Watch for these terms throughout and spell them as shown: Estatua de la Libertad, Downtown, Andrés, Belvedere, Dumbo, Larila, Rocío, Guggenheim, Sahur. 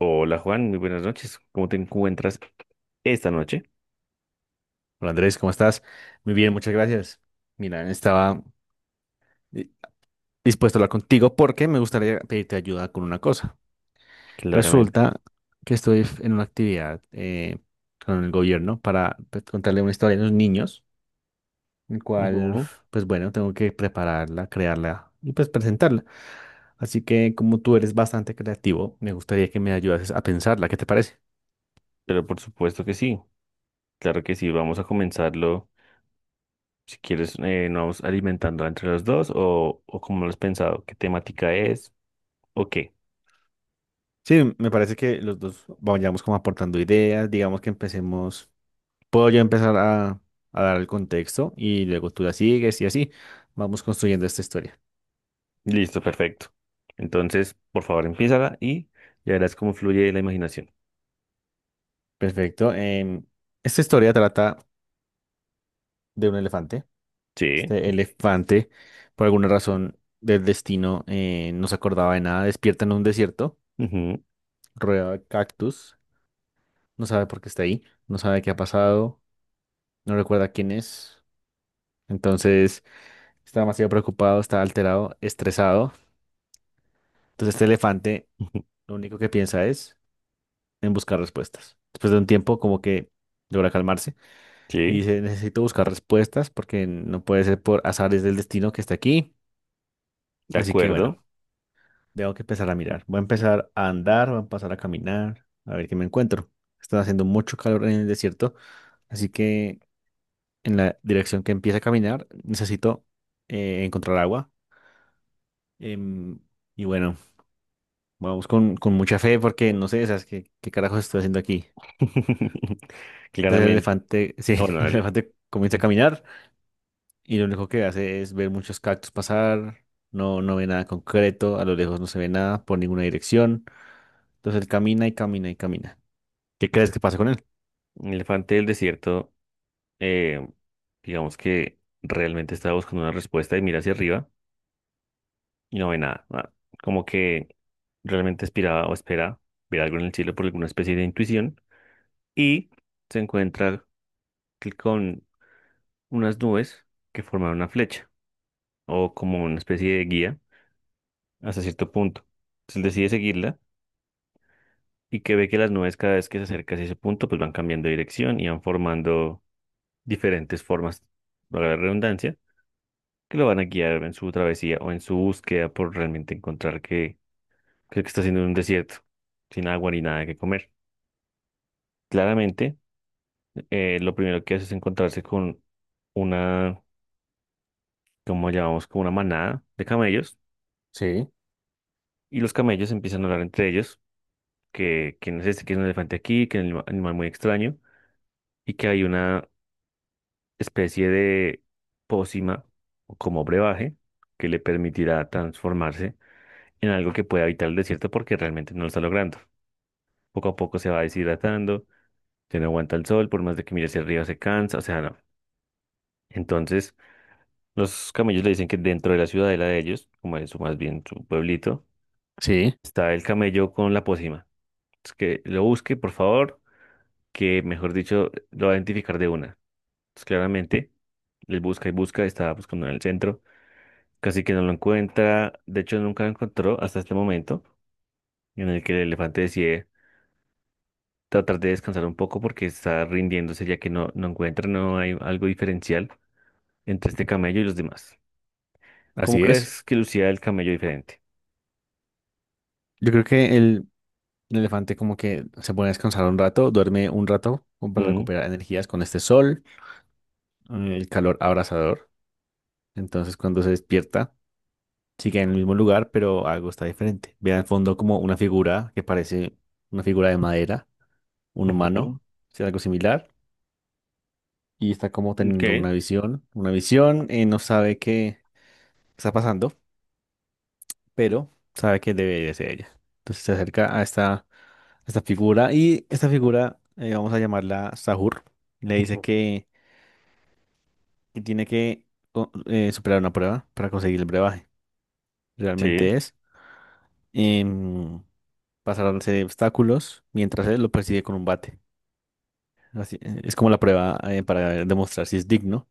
Hola Juan, muy buenas noches. ¿Cómo te encuentras esta noche? Hola Andrés, ¿cómo estás? Muy bien, muchas gracias. Mira, estaba di- dispuesto a hablar contigo porque me gustaría pedirte ayuda con una cosa. Claramente. Resulta que estoy en una actividad con el gobierno para pues, contarle una historia a los niños, el cual, Ujú. pues bueno, tengo que prepararla, crearla y pues presentarla. Así que como tú eres bastante creativo, me gustaría que me ayudases a pensarla. ¿Qué te parece? Pero por supuesto que sí, claro que sí. Vamos a comenzarlo. Si quieres, nos vamos alimentando entre los dos o cómo lo has pensado, qué temática es o qué. Sí, me parece que los dos vayamos como aportando ideas, digamos que empecemos. Puedo yo empezar a dar el contexto y luego tú la sigues y así vamos construyendo esta historia. Listo, perfecto. Entonces, por favor, empiézala y ya verás cómo fluye la imaginación. Perfecto. Esta historia trata de un elefante. Sí, Este elefante, por alguna razón del destino, no se acordaba de nada. Despierta en un desierto, ujú, rodeado de cactus. No sabe por qué está ahí, no sabe qué ha pasado, no recuerda quién es. Entonces está demasiado preocupado, está alterado, estresado. Entonces este elefante ujú, lo único que piensa es en buscar respuestas. Después de un tiempo, como que logra calmarse y sí, dice, necesito buscar respuestas porque no puede ser por azares del destino que está aquí. de Así que bueno, acuerdo. tengo que empezar a mirar. Voy a empezar a andar, voy a empezar a caminar, a ver qué me encuentro. Está haciendo mucho calor en el desierto, así que en la dirección que empieza a caminar necesito encontrar agua. Em, y bueno, vamos con mucha fe porque no sé, ¿sabes qué carajos estoy haciendo aquí? Entonces el Claramente. elefante, sí, Bueno, el dale. elefante comienza a caminar. Y lo único que hace es ver muchos cactus pasar, no ve nada concreto, a lo lejos no se ve nada por ninguna dirección. Entonces él camina y camina y camina. ¿Qué crees que pasa con él? Elefante del desierto, eh, digamos que realmente estaba buscando una respuesta y mira hacia arriba y no ve nada, nada. Como que realmente aspiraba o espera ver algo en el cielo por alguna especie de intuición y se encuentra que con unas nubes que forman una flecha o como una especie de guía hasta cierto punto. Entonces él decide seguirla y que ve que las nubes cada vez que se acerca hacia ese punto pues van cambiando de dirección y van formando diferentes formas, para la redundancia, que lo van a guiar en su travesía o en su búsqueda por realmente encontrar que lo que está haciendo en un desierto, sin agua ni nada que comer. Claramente, lo primero que hace es encontrarse con una, como llamamos, como una manada de camellos, Sí. y los camellos empiezan a hablar entre ellos, que quién es este, que es un elefante aquí, que es un animal muy extraño, y que hay una especie de pócima o como brebaje que le permitirá transformarse en algo que pueda evitar el desierto porque realmente no lo está logrando. Poco a poco se va deshidratando, se no aguanta el sol, por más de que mire hacia arriba se cansa, o sea, no. Entonces, los camellos le dicen que dentro de la ciudadela de ellos, como es más bien su pueblito, Sí, está el camello con la pócima. Es que lo busque, por favor, que mejor dicho, lo va a identificar de una. Entonces, claramente, él busca y busca, está buscando en el centro, casi que no lo encuentra, de hecho nunca lo encontró hasta este momento en el que el elefante decide tratar de descansar un poco porque está rindiéndose ya que no encuentra, no hay algo diferencial entre este camello y los demás. ¿Cómo así es. crees que lucía el camello diferente? Yo creo que el elefante como que se pone a descansar un rato, duerme un rato como para Mm, recuperar energías con este sol, el calor abrasador. Entonces cuando se despierta, sigue en el mismo lugar, pero algo está diferente. Ve al fondo como una figura que parece una figura de madera, un ujú, humano, o sea, algo similar y está como teniendo ok, una visión, no sabe qué está pasando, pero sabe que debe de ser ella. Entonces se acerca a a esta figura y esta figura, vamos a llamarla Sahur, le dice ujú. Que tiene que superar una prueba para conseguir el brebaje. Sí, Realmente es em, pasar una serie de obstáculos mientras él lo persigue con un bate. Así, es como la prueba para demostrar si es digno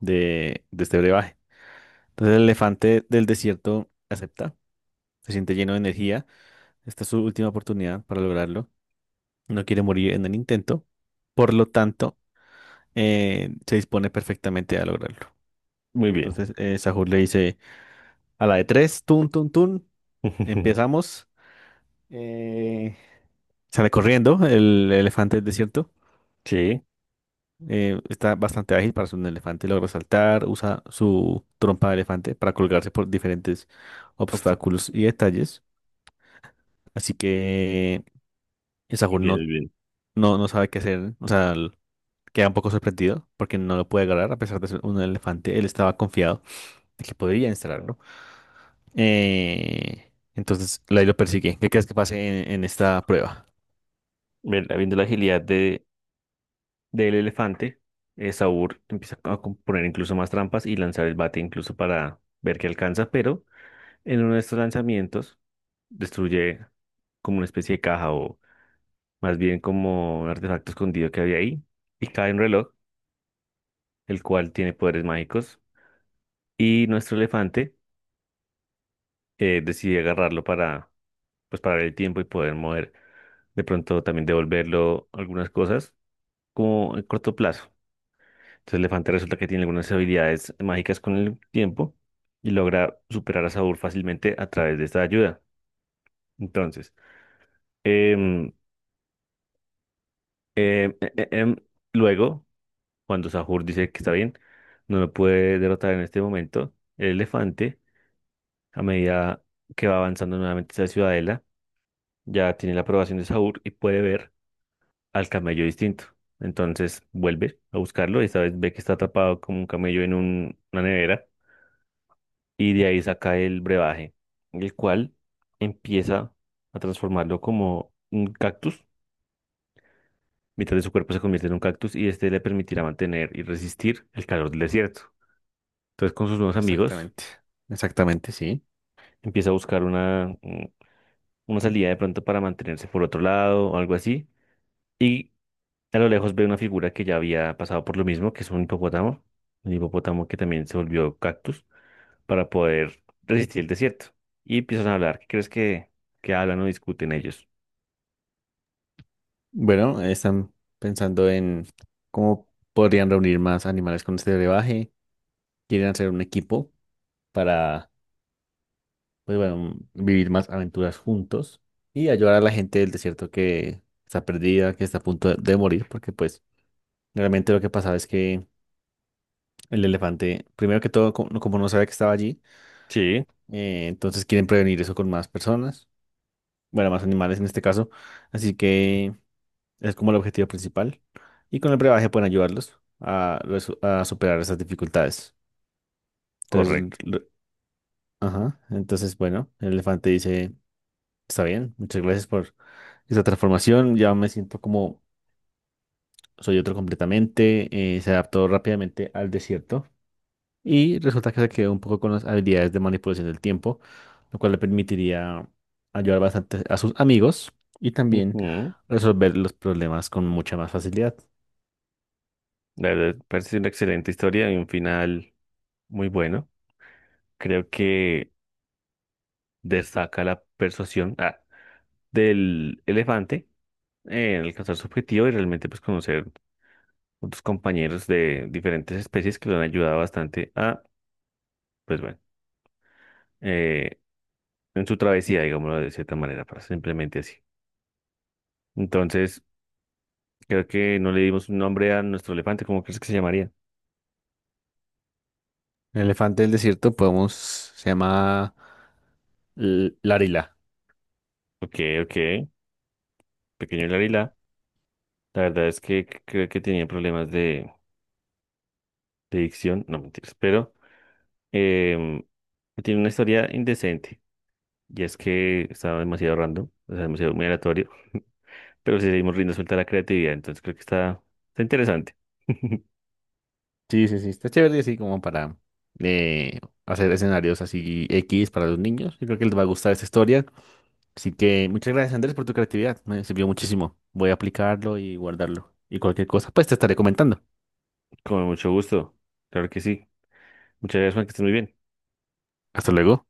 de este brebaje. Entonces el elefante del desierto acepta, se siente lleno de energía. Esta es su última oportunidad para lograrlo. No quiere morir en el intento. Por lo tanto, se dispone perfectamente a lograrlo. muy bien. Entonces Sahur le dice a la de tres, tun, tun, tun, empezamos. Eh, Sale corriendo el elefante del desierto. Sí, Está bastante ágil para ser un elefante, logra saltar, usa su trompa de elefante para colgarse por diferentes obs- obstáculos y detalles. Así que y muy Sahur bien, no, muy bien. No sabe qué hacer, o sea, queda un poco sorprendido porque no lo puede agarrar a pesar de ser un elefante. Él estaba confiado de que podría instalarlo. Entonces, Lai lo persigue. ¿Qué crees que pase en esta prueba? Viendo la agilidad de, del elefante, Saúl empieza a poner incluso más trampas y lanzar el bate incluso para ver qué alcanza, pero en uno de estos lanzamientos destruye como una especie de caja, más bien como un artefacto escondido que había ahí, y cae un reloj, el cual tiene poderes mágicos, y nuestro elefante, decide agarrarlo para, pues, parar el tiempo y poder mover, de pronto también devolverlo algunas cosas, como en corto plazo. Entonces el elefante resulta que tiene algunas habilidades mágicas con el tiempo y logra superar a Saúl fácilmente a través de esta ayuda. Entonces, em, em, em, em, luego, cuando Sahur dice que está bien, no lo puede derrotar en este momento. El elefante, a medida que va avanzando nuevamente hacia la ciudadela, ya tiene la aprobación de Sahur y puede ver al camello distinto. Entonces vuelve a buscarlo y esta vez ve que está atrapado como un camello en una nevera, y de ahí saca el brebaje, el cual empieza a transformarlo como un cactus. Mitad de su cuerpo se convierte en un cactus y este le permitirá mantener y resistir el calor del desierto. Entonces, con sus nuevos amigos Exactamente, exactamente, sí. empieza a buscar una, una salida de pronto para mantenerse por otro lado o algo así. Y a lo lejos ve una figura que ya había pasado por lo mismo, que es un hipopótamo que también se volvió cactus para poder resistir el desierto. Y empiezan a hablar. ¿Qué crees que hablan o discuten ellos? Bueno, están pensando en cómo podrían reunir más animales con este brebaje. Quieren hacer un equipo para pues bueno, vivir más aventuras juntos y ayudar a la gente del desierto que está perdida, que está a punto de morir, porque pues realmente lo que pasaba es que el elefante, primero que todo, como no sabía que estaba allí, Sí, entonces quieren prevenir eso con más personas, bueno, más animales en este caso, así que es como el objetivo principal y con el brebaje pueden ayudarlos a, a superar esas dificultades. Entonces, correcto. Ajá, entonces bueno, el elefante dice, está bien, muchas gracias por esa transformación. Ya me siento como soy otro completamente, se adaptó rápidamente al desierto y resulta que se quedó un poco con las habilidades de manipulación del tiempo, lo cual le permitiría ayudar bastante a sus amigos y también Ujú. resolver los problemas con mucha más facilidad. La verdad, parece una excelente historia y un final muy bueno. Creo que destaca la persuasión, ah, del elefante en alcanzar su objetivo y realmente pues conocer otros compañeros de diferentes especies que lo han ayudado bastante a, pues bueno, eh, en su travesía, digámoslo de cierta manera, para simplemente así. Entonces, creo que no le dimos un nombre a nuestro elefante, ¿cómo crees que se llamaría? El elefante del desierto podemos, se llama Larila. Ok, ok, pequeño Larila. La verdad es que creo que tenía problemas de dicción, no mentiras, pero em, tiene una historia indecente. Y es que estaba demasiado random, o sea, demasiado muy aleatorio. Pero si seguimos riendo suelta a la creatividad, entonces creo que está, está interesante. Sí, sí, sí, está chévere así como para eh, hacer escenarios así X para los niños. Yo creo que les va a gustar esta historia. Así que muchas gracias, Andrés, por tu creatividad. Me sirvió muchísimo. Voy a aplicarlo y guardarlo. Y cualquier cosa, pues te estaré comentando. Con mucho gusto. Claro que sí. Muchas gracias, Juan, que estés muy bien. Hasta luego.